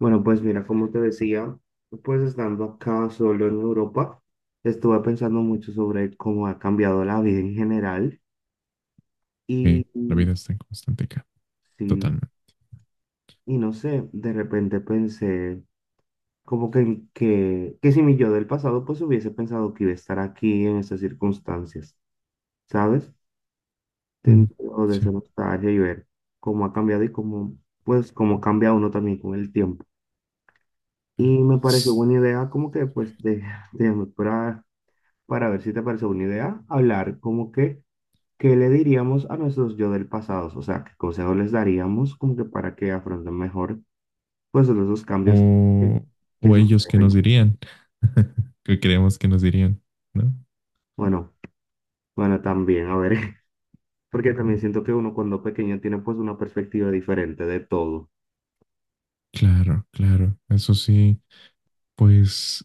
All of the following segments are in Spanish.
Bueno, pues mira, como te decía, pues estando acá solo en Europa, estuve pensando mucho sobre cómo ha cambiado la vida en general Sí, y, la y vida está en constante cambio, sí, totalmente. y no sé, de repente pensé como que si mi yo del pasado pues hubiese pensado que iba a estar aquí en estas circunstancias, ¿sabes? Mm, Dentro de esa sí. nostalgia y ver cómo ha cambiado y cómo, pues, cómo cambia uno también con el tiempo. Y me pareció buena idea como que pues de, de mejorar para ver si te parece una idea, hablar como que, ¿qué le diríamos a nuestros yo del pasado? O sea, ¿qué consejos les daríamos como que para que afronten mejor, pues, todos esos cambios que, O, que o ellos que nos suceden? dirían, que creemos que nos dirían, ¿no? Bueno, bueno, también, a ver, porque también siento que uno cuando pequeño tiene pues una perspectiva diferente de todo. Claro, claro, eso sí, pues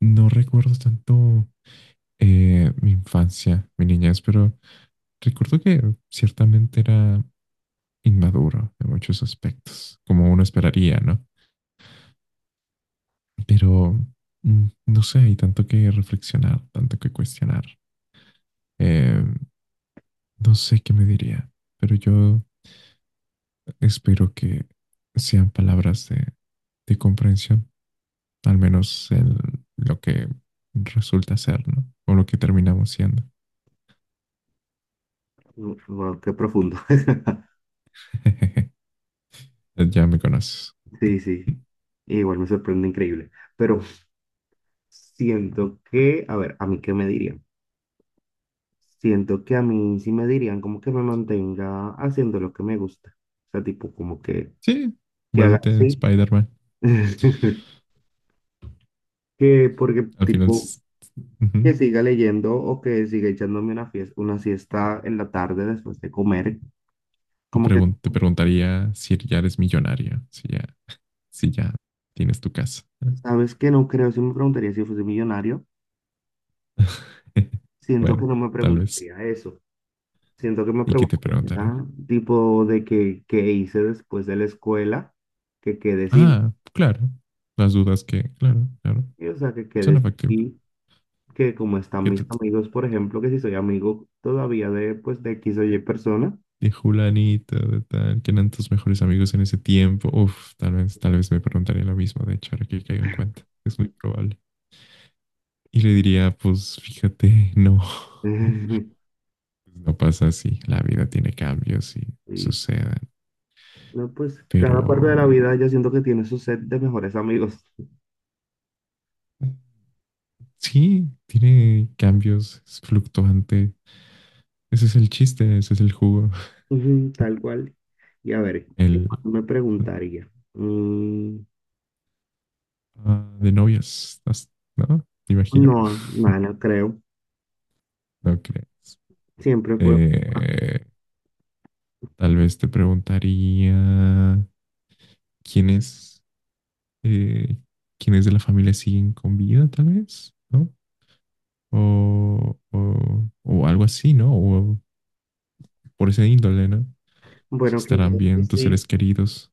no recuerdo tanto mi infancia, mi niñez, pero recuerdo que ciertamente era inmaduro en muchos aspectos, como uno esperaría, ¿no? Pero no sé, hay tanto que reflexionar, tanto que cuestionar. Eh, No sé qué me diría, pero yo espero que sean palabras de comprensión, al menos en lo que resulta ser, ¿no? O lo que terminamos siendo. Mm, wow, qué profundo. Ya me conoces. Sí, sí, igual me sorprende increíble, pero siento que, a ver, ¿a mí qué me diría? Siento que a mí sí me dirían como que me mantenga haciendo lo que me gusta. O sea, tipo, como Sí, que haga vuélvete así. Spider-Man. Que porque, Al final, tipo, s- Ujú. que siga leyendo o que siga echándome una fiesta, una siesta en la tarde después de comer. o Como que, pregun- te preguntaría si ya eres millonario, si ya tienes tu casa. ¿sabes? Que no creo, si me preguntaría si fuese millonario, siento que Bueno, no me tal vez. preguntaría eso. Siento que me ¿Y qué te preguntaré? preguntaría, tipo, de que, qué hice después de la escuela, que qué decidí, Ah, claro. Las dudas que, claro, claro. o sea, que qué Suena factible. decidí, que como están Que mis te- amigos, por ejemplo, que si soy amigo todavía de, pues, de X o Y persona. de Julanito, de tal, que eran tus mejores amigos en ese tiempo. Uf, tal vez me preguntaría lo mismo, de hecho, ahora que caigo en cuenta. Es muy probable. Y le diría, pues fíjate, no. Pues no pasa así. La vida tiene cambios y Sí, suceden. no, pues Pero cada parte de la vida yo siento que tiene su set de mejores amigos. sí, tiene cambios, es fluctuante. Ese es el chiste, ese es el jugo. Ujú, tal cual. Y a ver, ¿qué El más me preguntaría? Mm, de novias, ¿no? Me imagino. no, nada, no creo. No creas. Siempre fue, ah, Eh, Tal vez te preguntaría quiénes, eh, quiénes de la familia siguen con vida, tal vez, ¿no? O algo así, ¿no? O por ese índole, ¿no? Si bueno, quizás estarán que bien tus seres sí, queridos.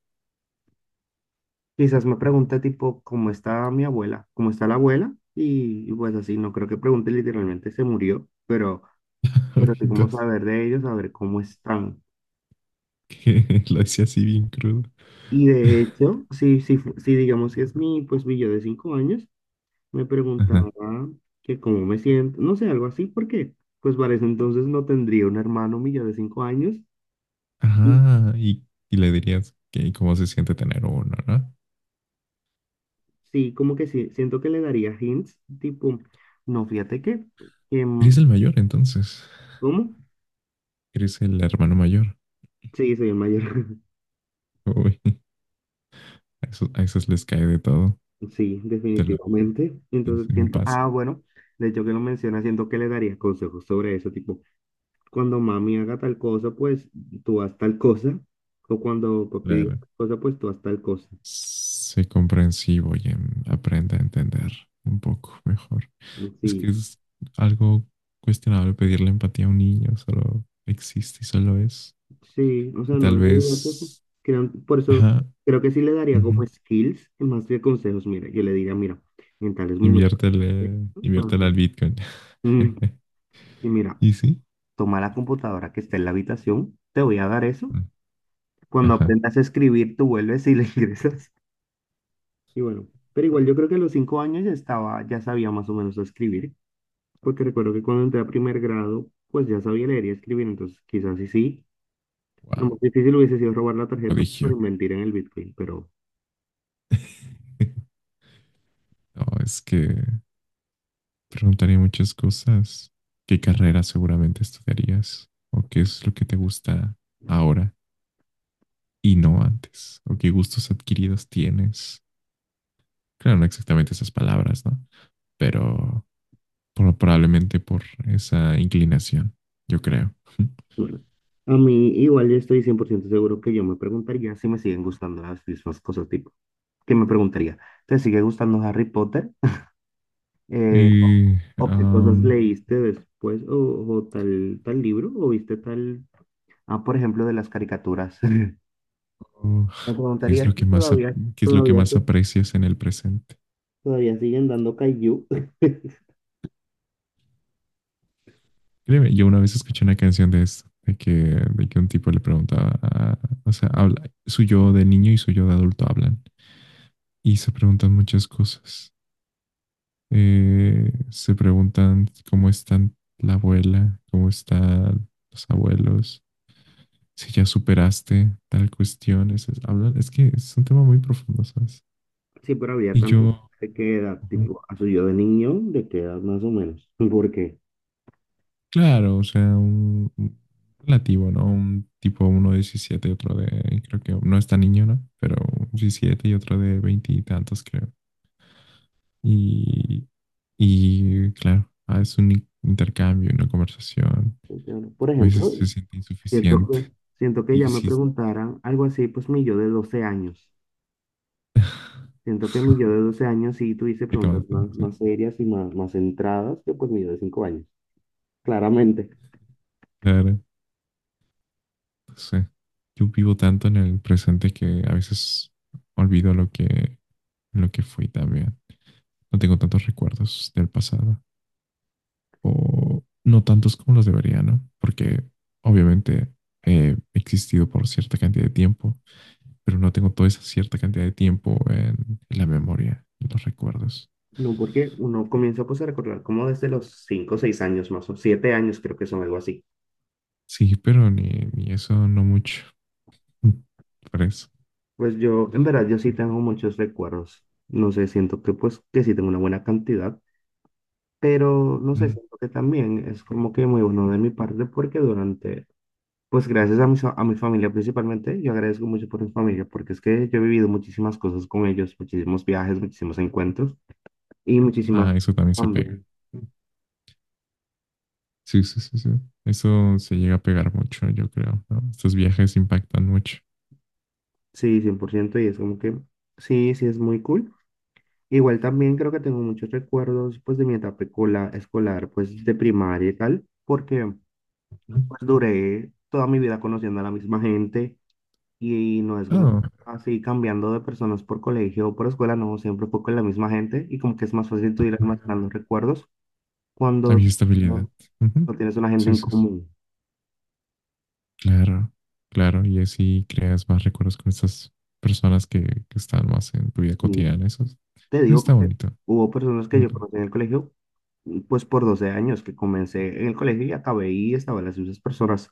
quizás me pregunte tipo, ¿cómo está mi abuela? ¿Cómo está la abuela? Y pues así, no creo que pregunte literalmente, se murió, pero... Pero Ay, como Dios, saber de ellos, saber cómo están. que lo decía así bien crudo. Y de hecho, si digamos que es mi, pues mi yo de 5 años, me Ajá. preguntaba que cómo me siento, no sé, algo así, porque pues para ese entonces no tendría un hermano mi yo de 5 años. Y Ajá, y le dirías que cómo se siente tener uno, ¿no? sí, como que sí, siento que le daría hints, tipo, no, fíjate que, que, Eres mm, el mayor, entonces. ¿cómo? Eres el hermano mayor. Sí, soy el mayor. Uy, a esos les cae de todo. Sí, Te lo, definitivamente. sí, Entonces sí me siento, pasa. Bueno, de hecho que lo menciona, siento que le daría consejos sobre eso, tipo. Cuando mami haga tal cosa, pues tú haz tal cosa, o cuando papi diga Claro. tal cosa, pues tú haz tal cosa. Sé comprensivo y aprende a entender un poco mejor. Es que Sí, es algo cuestionable pedirle empatía a un niño, solo existe y solo es. sí, o sea, Y no, tal no, no, no, vez, por eso ajá, creo que sí le daría ujú, como skills, más que consejos. Mira, yo le diría, mira, en tales momentos, inviértele ajá, al Bitcoin. mm, y mira, ¿Y sí? toma la computadora que está en la habitación, te voy a dar eso, Mm, cuando ajá, aprendas a escribir, tú vuelves y le ingresas, y bueno, pero igual yo creo que a los 5 años ya estaba, ya sabía más o menos escribir. Porque recuerdo que cuando entré a primer grado, pues ya sabía leer y escribir, entonces quizás sí sí. Lo wow, más difícil hubiese sido robar la tarjeta para prodigio. invertir en el Bitcoin, pero No, es que preguntaría muchas cosas. ¿Qué carrera seguramente estudiarías? ¿O qué es lo que te gusta ahora y no antes, o qué gustos adquiridos tienes? Claro, no exactamente esas palabras, ¿no? Pero probablemente por esa inclinación, yo creo. bueno. A mí igual yo estoy 100% seguro que yo me preguntaría si me siguen gustando las mismas cosas, tipo, que me preguntaría, ¿te sigue gustando Harry Potter? Eh, Y, ¿O qué cosas um, leíste después? O tal libro? ¿O viste tal... Ah, por ejemplo, de las caricaturas. oh, Me ¿qué, preguntaría es lo si que más, ¿Qué es lo que todavía, más aprecias en el presente? todavía siguen dando Kaiju. Créeme, yo una vez escuché una canción de esto, de que un tipo le preguntaba, o sea, habla, su yo de niño y su yo de adulto hablan y se preguntan muchas cosas. Se preguntan cómo están la abuela, cómo están los abuelos, si ya superaste tal cuestión. Es que es un tema muy profundo, ¿sabes? Sí, pero había Y también yo, de qué edad, ujú, tipo, a su yo de niño, de qué edad más o menos. ¿Por qué? claro, o sea, un relativo, ¿no? Un tipo, uno de 17, otro de, creo que no es tan niño, ¿no? Pero 17 y otro de 20 y tantos, creo. Y, y claro, es un intercambio, una conversación que Porque, por a veces ejemplo, se siente siento insuficiente. que, ya Y me si preguntaran algo así, pues mi yo de 12 años. Siento que mi yo de 12 años sí tuviese poquito más, preguntas ¿no? más, Sí, más serias y más, más centradas que pues mi yo de 5 años, claramente. claro, sí. Yo vivo tanto en el presente que a veces olvido lo que fui también. No tengo tantos recuerdos del pasado o no tantos como los debería, ¿no? Porque obviamente he existido por cierta cantidad de tiempo, pero no tengo toda esa cierta cantidad de tiempo en la memoria, en los recuerdos. No, porque uno comienza pues a recordar como desde los 5 o 6 años más o 7 años, creo que son algo así. Sí, pero ni eso no mucho. Por eso. Pues yo, en verdad, yo sí tengo muchos recuerdos. No sé, siento que pues que sí tengo una buena cantidad. Pero no sé, Mm. siento que también es como que muy bueno de mi parte porque durante, pues gracias a mi familia principalmente, yo agradezco mucho por mi familia porque es que yo he vivido muchísimas cosas con ellos, muchísimos viajes, muchísimos encuentros y muchísimas Ah, eso también se pega. también. Sí, sí, sí, sí. Eso se llega a pegar mucho, yo creo, ¿no? Estos viajes impactan mucho. Sí, cien por ciento, y es como que sí, sí es muy cool. Igual también creo que tengo muchos recuerdos pues de mi etapa escolar, pues de primaria y tal, porque Ujú. pues duré toda mi vida conociendo a la misma gente. Y no es como ah así cambiando de personas por colegio o por escuela, no, siempre fue con la misma gente y como que es más fácil tú ir almacenando recuerdos Había cuando estabilidad. no, Ujú. no tienes una gente Sí, en sí, sí. común. Claro, claro. Y así creas más recuerdos con estas personas que están más en tu vida Y cotidiana. Eso, es- te eso digo está que bonito. hubo personas que yo Ujú. conocí en el colegio, y pues por 12 años que comencé en el colegio y acabé y estaba las mismas personas.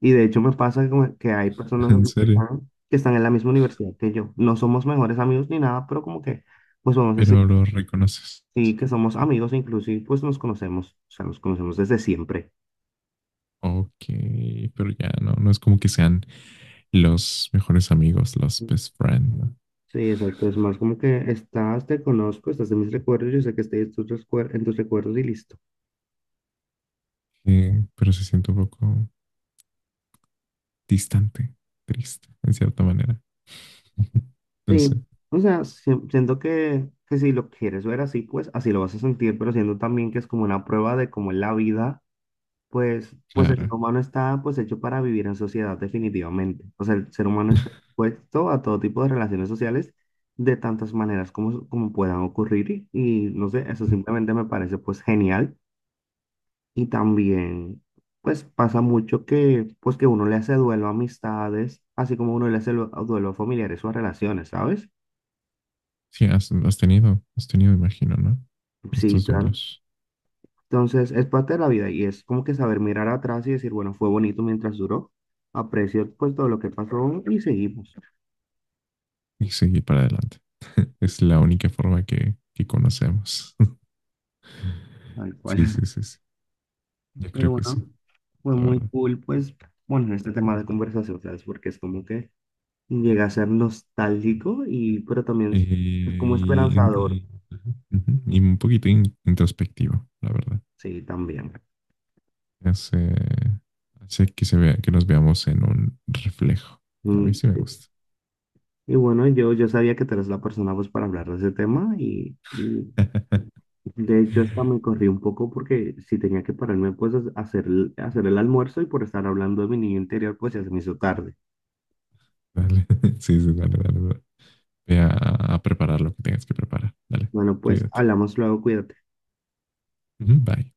Y de hecho me pasa como que hay personas En así serio. Que están en la misma universidad que yo. No somos mejores amigos ni nada, pero como que pues vamos a... Pero los reconoces. Sí, que somos amigos, inclusive, pues nos conocemos, o sea, nos conocemos desde siempre. Ok, pero ya no, no es como que sean los mejores amigos, los best friends, ¿no? Sí, exacto, es más como que estás, te conozco, estás en mis recuerdos, yo sé que estoy en en tus recuerdos y listo. Pero se siente un poco distante, triste, en cierta manera. No Sí, sé, o sea, siento que, si lo quieres ver así, pues así lo vas a sentir, pero siento también que es como una prueba de cómo es la vida. Pues el ser claro. humano está pues hecho para vivir en sociedad definitivamente. O sea, el ser humano está expuesto a todo tipo de relaciones sociales de tantas maneras como puedan ocurrir, y no sé, eso simplemente me parece pues genial. Y también pues pasa mucho que pues que uno le hace duelo a amistades, así como uno le hace duelo a familiares o a relaciones, ¿sabes? Sí, has tenido, has tenido, imagino, ¿no? Sí, Estos claro. duelos Entonces es parte de la vida y es como que saber mirar atrás y decir, bueno, fue bonito mientras duró, aprecio pues todo lo que pasó y seguimos. y seguir para adelante. Ujú, Es la única forma que conocemos. tal cual. Sí, sí, sí, sí. Yo Pero creo que sí, bueno, fue la muy verdad. cool, pues, bueno, este tema de conversación, ¿sabes? Porque es como que llega a ser nostálgico, y, pero también Eh, es como y, esperanzador, y- y un poquito introspectivo, la verdad. sí, también. Hace, hace que se vea, que nos veamos en un reflejo. A mí Mm, sí me sí. gusta. Y bueno, yo, sabía que tú eres la persona, pues, para hablar de ese tema, y de hecho, hasta me corrí un poco porque si tenía que pararme, pues, a hacer, a hacer el almuerzo, y por estar hablando de mi niño interior, pues, ya se me hizo tarde. Dale. Sí, sí, dale, dale, dale. Ve a preparar lo que tengas que preparar. Dale, Bueno, pues, cuídate. hablamos luego, cuídate. Ujú, Bye.